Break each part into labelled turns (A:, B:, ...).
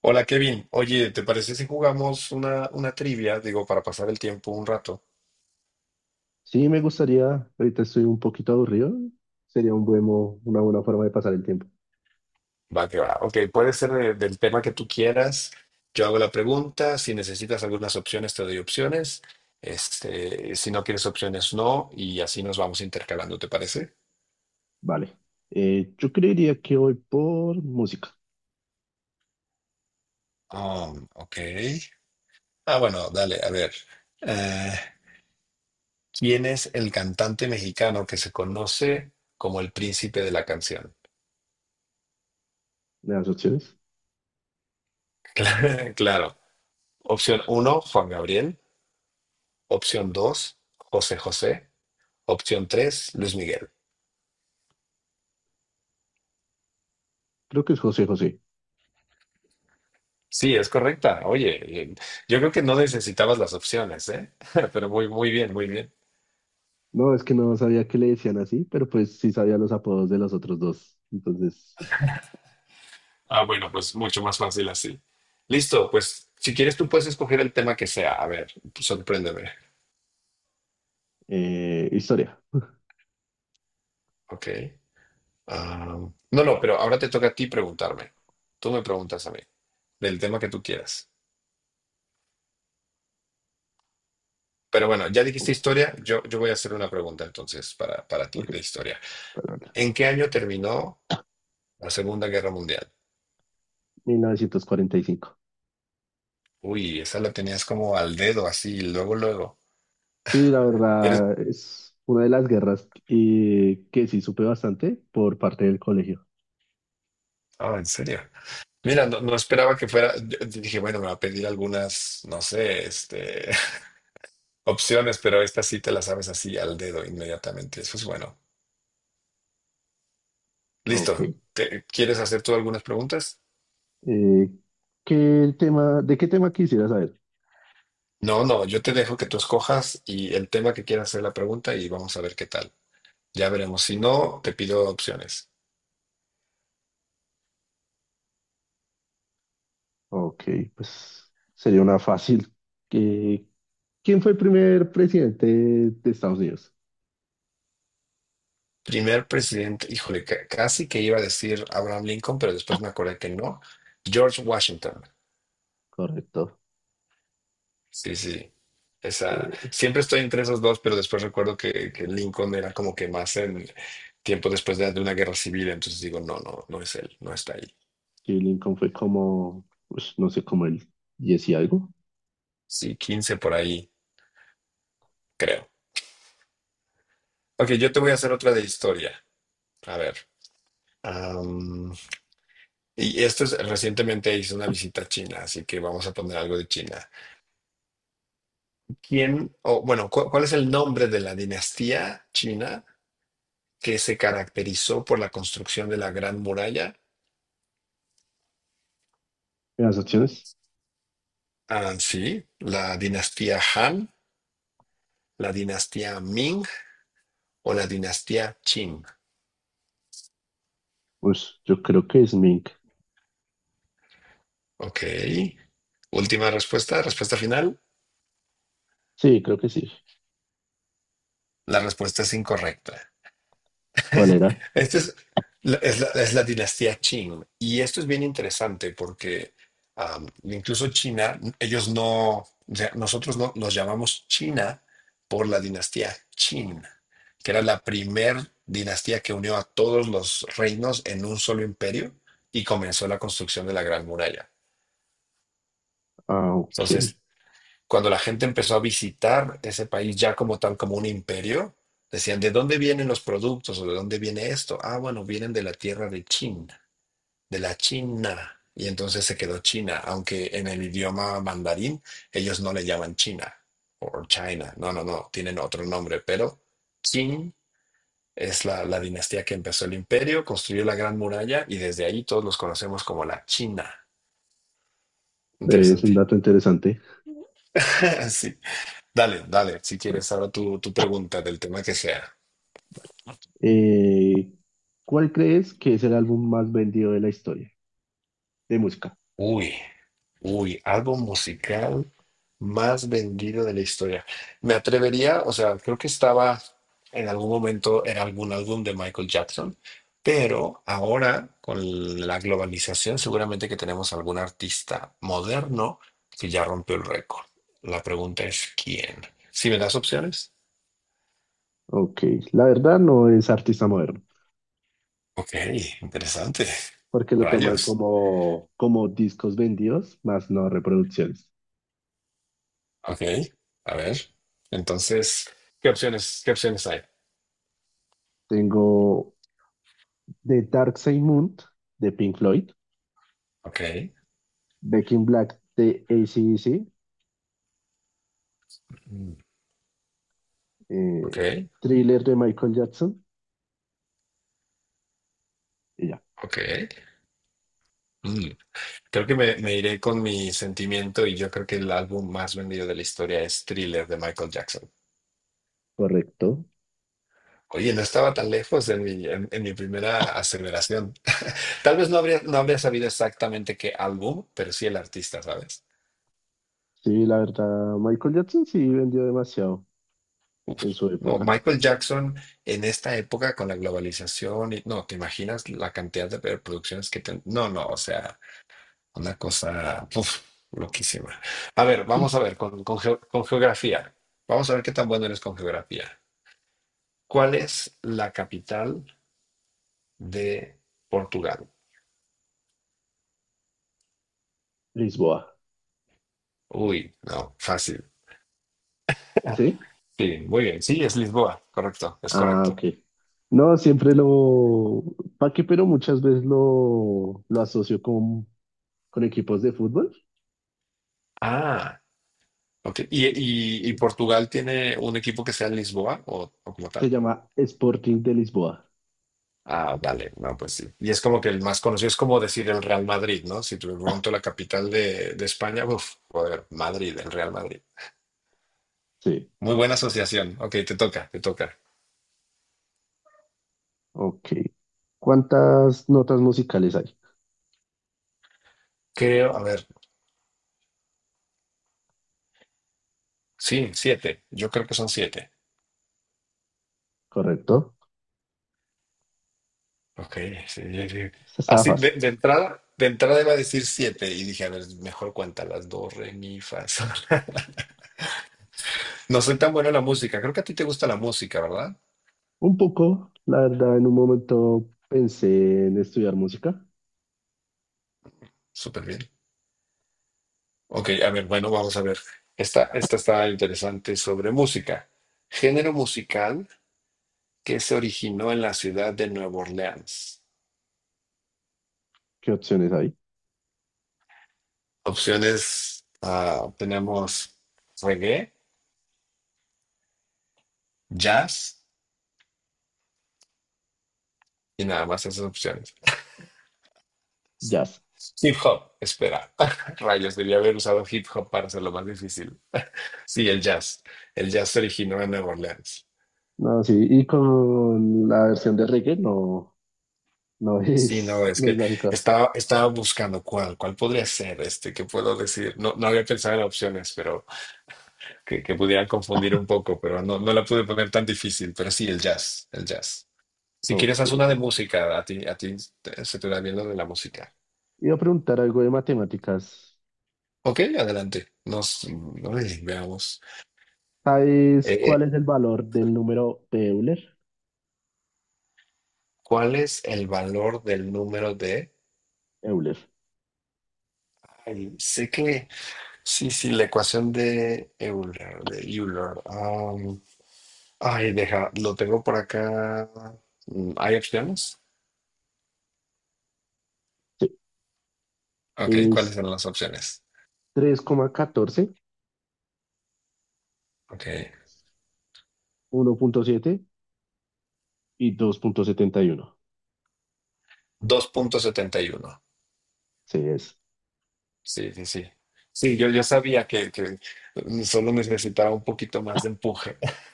A: Hola Kevin, oye, ¿te parece si jugamos una trivia? Digo, para pasar el tiempo un rato.
B: Sí, me gustaría, ahorita estoy un poquito aburrido, sería un una buena forma de pasar el tiempo.
A: Va que va. Ok, puede ser del tema que tú quieras. Yo hago la pregunta. Si necesitas algunas opciones, te doy opciones. Si no quieres opciones, no. Y así nos vamos intercalando, ¿te parece?
B: Vale. Yo creería que voy por música.
A: Ok. Ah, bueno, dale, a ver. Eh, ¿quién es el cantante mexicano que se conoce como el príncipe de la canción?
B: ¿Me das opciones?
A: Claro. Opción uno, Juan Gabriel. Opción dos, José José. Opción tres, Luis Miguel.
B: Creo que es José José.
A: Sí, es correcta. Oye, yo creo que no necesitabas las opciones, ¿eh? Pero muy, muy bien, muy bien.
B: No, es que no sabía que le decían así, pero pues sí sabía los apodos de los otros dos.
A: Ah, bueno, pues mucho más fácil así. Listo, pues si quieres tú puedes escoger el tema que sea. A ver, sorpréndeme.
B: Historia.
A: Ok. Ah, no, no, pero ahora te toca a ti preguntarme. Tú me preguntas a mí, del tema que tú quieras. Pero bueno, ya dijiste
B: Ok,
A: historia, yo voy a hacer una pregunta entonces para ti de historia.
B: perdón.
A: ¿En qué año terminó la Segunda Guerra Mundial?
B: Mil novecientos cuarenta y cinco.
A: Uy, esa la tenías como al dedo, así, luego, luego.
B: Sí, la
A: Eres...
B: verdad es una de las guerras que sí supe bastante por parte del colegio.
A: Ah, en serio. Mira, no, no esperaba que fuera. Yo dije, bueno, me va a pedir algunas, no sé, opciones, pero esta sí te la sabes así al dedo inmediatamente. Eso es bueno. Listo.
B: Ok.
A: ¿Quieres hacer tú algunas preguntas?
B: Eh, ¿De qué tema quisiera saber?
A: No, no, yo te dejo que tú escojas y el tema que quieras hacer la pregunta y vamos a ver qué tal. Ya veremos. Si no, te pido opciones.
B: Ok, pues sería una fácil. Eh, ¿Quién fue el primer presidente de Estados Unidos?
A: Primer presidente, híjole, casi que iba a decir Abraham Lincoln, pero después me acordé que no. George Washington.
B: Correcto.
A: Sí, sí. Esa,
B: Eh,
A: siempre estoy entre esos dos, pero después recuerdo que Lincoln era como que más en tiempo después de una guerra civil, entonces digo, no, no, no es él, no está ahí.
B: sí, Lincoln fue como, pues no sé, como el 10 y algo.
A: Sí, 15 por ahí, creo. Ok, yo te voy a hacer otra de historia. A ver. am, y esto es, recientemente hice una visita a China, así que vamos a poner algo de China. ¿Quién, o bueno, cuál es el nombre de la dinastía china que se caracterizó por la construcción de la Gran Muralla?
B: ¿Las opciones?
A: Ah, sí, la dinastía Han, la dinastía Ming o la dinastía Qing.
B: Pues yo creo que es Mink.
A: Ok. Última respuesta, respuesta final.
B: Sí, creo que sí.
A: La respuesta es incorrecta.
B: ¿Cuál era?
A: Esta es la dinastía Qing. Y esto es bien interesante porque incluso China, ellos no, o sea, nosotros no, nos llamamos China por la dinastía Qin, que era la primer dinastía que unió a todos los reinos en un solo imperio y comenzó la construcción de la Gran Muralla.
B: Ah, ok.
A: Entonces cuando la gente empezó a visitar ese país ya como tal, como un imperio, decían, ¿de dónde vienen los productos o de dónde viene esto? Ah, bueno, vienen de la tierra de China, de la China. Y entonces se quedó China, aunque en el idioma mandarín ellos no le llaman China o China, no, no, no, tienen otro nombre, pero Qin es la dinastía que empezó el imperio, construyó la Gran Muralla y desde ahí todos los conocemos como la China.
B: Es un
A: Interesante.
B: dato interesante.
A: Sí. Dale, dale, si quieres ahora tu pregunta del tema que sea.
B: Eh, ¿Cuál crees que es el álbum más vendido de la historia de música?
A: Uy, uy, álbum musical más vendido de la historia. Me atrevería, o sea, creo que estaba en algún momento en algún álbum de Michael Jackson, pero ahora con la globalización seguramente que tenemos algún artista moderno que ya rompió el récord. La pregunta es, ¿quién? Si me das opciones.
B: Ok, la verdad no es artista moderno,
A: Ok, interesante.
B: porque lo toman
A: Rayos.
B: como, como discos vendidos, más no reproducciones.
A: Ok, a ver. Entonces, ¿qué opciones hay?
B: Tengo The Dark Side Moon de Pink Floyd,
A: Ok,
B: Back in Black de AC/DC,
A: mm,
B: eh,
A: ok,
B: Thriller de Michael Jackson, y ya,
A: ok. Mm. Creo que me iré con mi sentimiento y yo creo que el álbum más vendido de la historia es Thriller de Michael Jackson.
B: correcto.
A: Oye, no estaba tan lejos en mi primera aceleración. Tal vez no habría sabido exactamente qué álbum, pero sí el artista, ¿sabes?
B: Sí, la verdad, Michael Jackson sí vendió demasiado
A: Uf.
B: en su
A: No,
B: época.
A: Michael Jackson en esta época con la globalización, y, no, ¿te imaginas la cantidad de producciones que... no, no, o sea... Una cosa uf, loquísima. A ver,
B: Sí.
A: vamos a ver con, con geografía. Vamos a ver qué tan bueno eres con geografía. ¿Cuál es la capital de Portugal?
B: Lisboa.
A: Uy, no, fácil.
B: ¿Sí?
A: Sí, muy bien. Sí, es Lisboa. Correcto, es
B: Ah,
A: correcto.
B: ok. No, siempre lo, ¿para qué, pero muchas veces lo asocio con equipos de fútbol.
A: Ah, ok. ¿Y Portugal tiene un equipo que sea en Lisboa o, como
B: Se
A: tal?
B: llama Sporting de Lisboa.
A: Ah, vale, no, pues sí. Y es como que el más conocido es como decir el Real Madrid, ¿no? Si te pregunto la capital de España, uff, joder, Madrid, el Real Madrid.
B: Sí,
A: Muy buena asociación. Ok, te toca, te toca.
B: ok. ¿Cuántas notas musicales hay?
A: Creo, a ver, sí, siete. Yo creo que son siete.
B: ¿Correcto?
A: Ok, sí, sí. Ah, sí.
B: Esta estaba
A: Así de,
B: fácil.
A: de entrada, de entrada iba a decir siete y dije, a ver, mejor cuenta las dos, re, mi, fa, sol. No soy tan bueno en la música. Creo que a ti te gusta la música, ¿verdad?
B: Un poco, la verdad, en un momento pensé en estudiar música.
A: Súper bien. Ok, a ver, bueno, vamos a ver. Esta está interesante sobre música. Género musical que se originó en la ciudad de Nueva Orleans.
B: ¿Qué opciones hay?
A: Opciones, tenemos reggae, jazz y nada más esas opciones.
B: Jazz.
A: Hip hop, espera. Rayos, debía haber usado hip hop para hacerlo más difícil. Sí, el jazz. El jazz se originó en Nueva Orleans.
B: No, sí, y con la versión de reggae no,
A: Sí, no, es
B: no es
A: que
B: lógica.
A: estaba buscando cuál podría ser qué puedo decir. No, no había pensado en opciones, pero que pudieran confundir un poco, pero no, no la pude poner tan difícil. Pero sí, el jazz, el jazz. Si quieres,
B: Ok.
A: haz una de música. A ti se te da bien lo de la música.
B: Iba a preguntar algo de matemáticas.
A: Ok, adelante. Ay, veamos.
B: ¿Sabes
A: Eh,
B: cuál
A: eh,
B: es el valor del número de Euler?
A: ¿Cuál es el valor del número de...
B: Euler.
A: Ay, sé que... Sí, sí, la ecuación de Euler. Ay, deja, lo tengo por acá. ¿Hay opciones?
B: Sí.
A: Ok, ¿cuáles
B: Es
A: son las opciones?
B: tres coma catorce,
A: Ok,
B: uno punto siete, y 2,71.
A: 2,71.
B: Sí, es.
A: Sí, sí, sí. Sí, yo sabía que solo necesitaba un poquito más de empuje.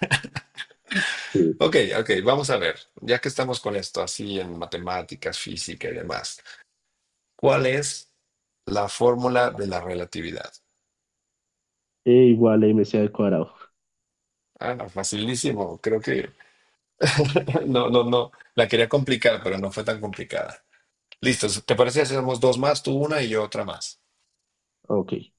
B: Sí.
A: Ok, ok, vamos a ver. Ya que estamos con esto, así en matemáticas, física y demás. ¿Cuál es la fórmula de la relatividad?
B: E igual a MC al cuadrado.
A: Ah, no, facilísimo, creo que no, no, no, la quería complicar, pero no fue tan complicada. Listo, ¿te parece si hacemos dos más, tú una y yo otra más?
B: Ok.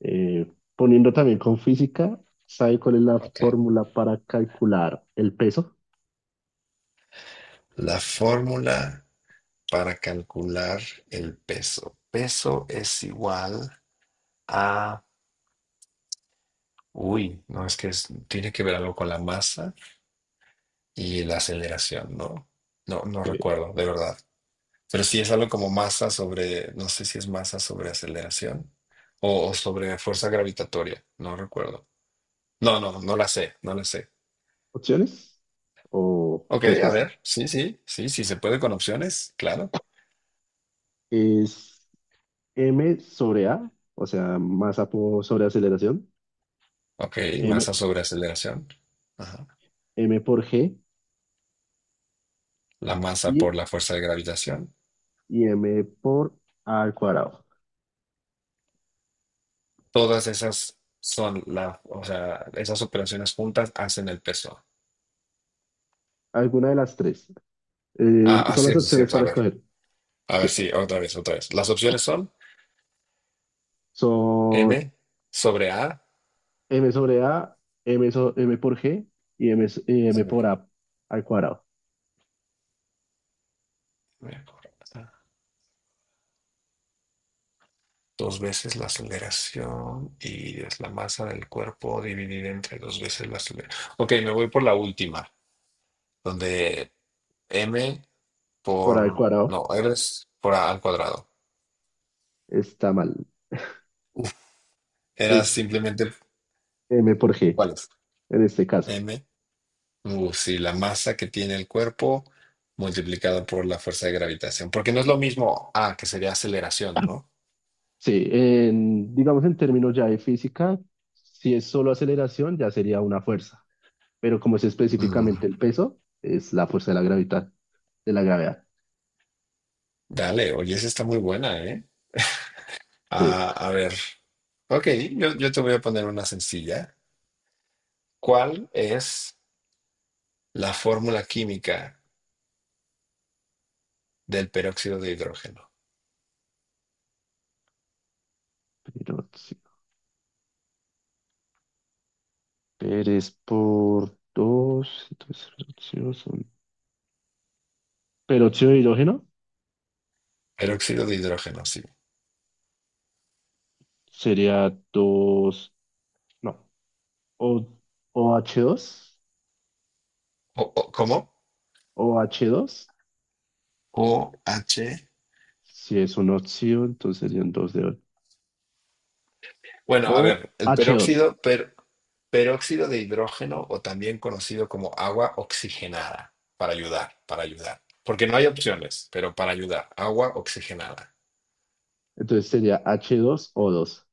B: Eh, Poniendo también con física, ¿sabe cuál es la
A: Ok.
B: fórmula para calcular el peso?
A: La fórmula para calcular el peso. Peso es igual a... Uy, no, es que tiene que ver algo con la masa y la aceleración, ¿no? No, no
B: Eh,
A: recuerdo, de verdad. Pero si es algo como masa sobre, no sé si es masa sobre aceleración o sobre fuerza gravitatoria, no recuerdo. No, no, no la sé, no la sé.
B: ¿Opciones o
A: Ok, a
B: respuesta?
A: ver, sí, sí, sí, sí se puede con opciones, claro.
B: Es M sobre A, o sea, sobre aceleración,
A: Ok,
B: M,
A: masa sobre aceleración. Ajá.
B: M por G,
A: La masa
B: y,
A: por la fuerza de gravitación.
B: y M por A al cuadrado.
A: Todas esas son o sea, esas operaciones juntas hacen el peso.
B: Alguna de las tres.
A: Ah, ah,
B: Son las
A: cierto,
B: opciones
A: cierto.
B: para escoger.
A: A ver,
B: Sí,
A: sí, otra vez, otra vez. Las opciones son m
B: son
A: sobre a,
B: m sobre a, m por g, y m
A: m
B: por
A: por-
B: a al cuadrado.
A: M por A, dos veces la aceleración y es la masa del cuerpo dividida entre dos veces la aceleración. Ok, me voy por la última, donde m
B: Por a al
A: por,
B: cuadrado
A: no, r es por a al cuadrado.
B: está mal.
A: Era
B: Es
A: simplemente,
B: m por g
A: ¿cuál es?
B: en este caso.
A: M, sí, la masa que tiene el cuerpo multiplicada por la fuerza de gravitación, porque no es lo mismo a, que sería aceleración, ¿no?
B: Sí, en, digamos en términos ya de física, si es solo aceleración ya sería una fuerza, pero como es específicamente
A: Mm,
B: el peso, es la fuerza de la gravedad, de la gravedad.
A: dale, oye, esa está muy buena, ¿eh?
B: Sí,
A: Ah, a ver, ok, yo te voy a poner una sencilla. ¿Cuál es la fórmula química del peróxido de hidrógeno?
B: pero sí. Pérez por 2 entonces, pero óxido son- peróxido de hidrógeno.
A: Peróxido de hidrógeno, sí.
B: Sería 2 no, o, OH2,
A: ¿Cómo?
B: oh dos,
A: OH.
B: si es una opción, entonces serían 2 de 8.
A: Bueno, a
B: O
A: ver, el
B: h dos,
A: peróxido, peróxido de hidrógeno o también conocido como agua oxigenada, para ayudar, para ayudar. Porque no hay opciones, pero para ayudar, agua oxigenada.
B: entonces sería h dos o dos.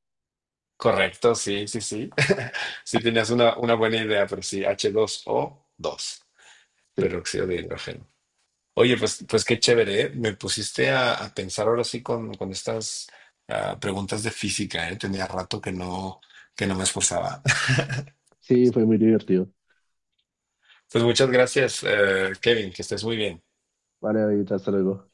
A: Correcto, sí, sí, sí. Sí tenías una buena idea, pero sí, H2O2.
B: Sí,
A: Peróxido de hidrógeno. Oye, pues qué chévere, ¿eh? Me pusiste a pensar ahora sí con estas preguntas de física, ¿eh? Tenía rato que no me esforzaba.
B: sí, fue muy divertido.
A: Pues muchas gracias, Kevin, que estés muy bien.
B: Vale, David, hasta luego.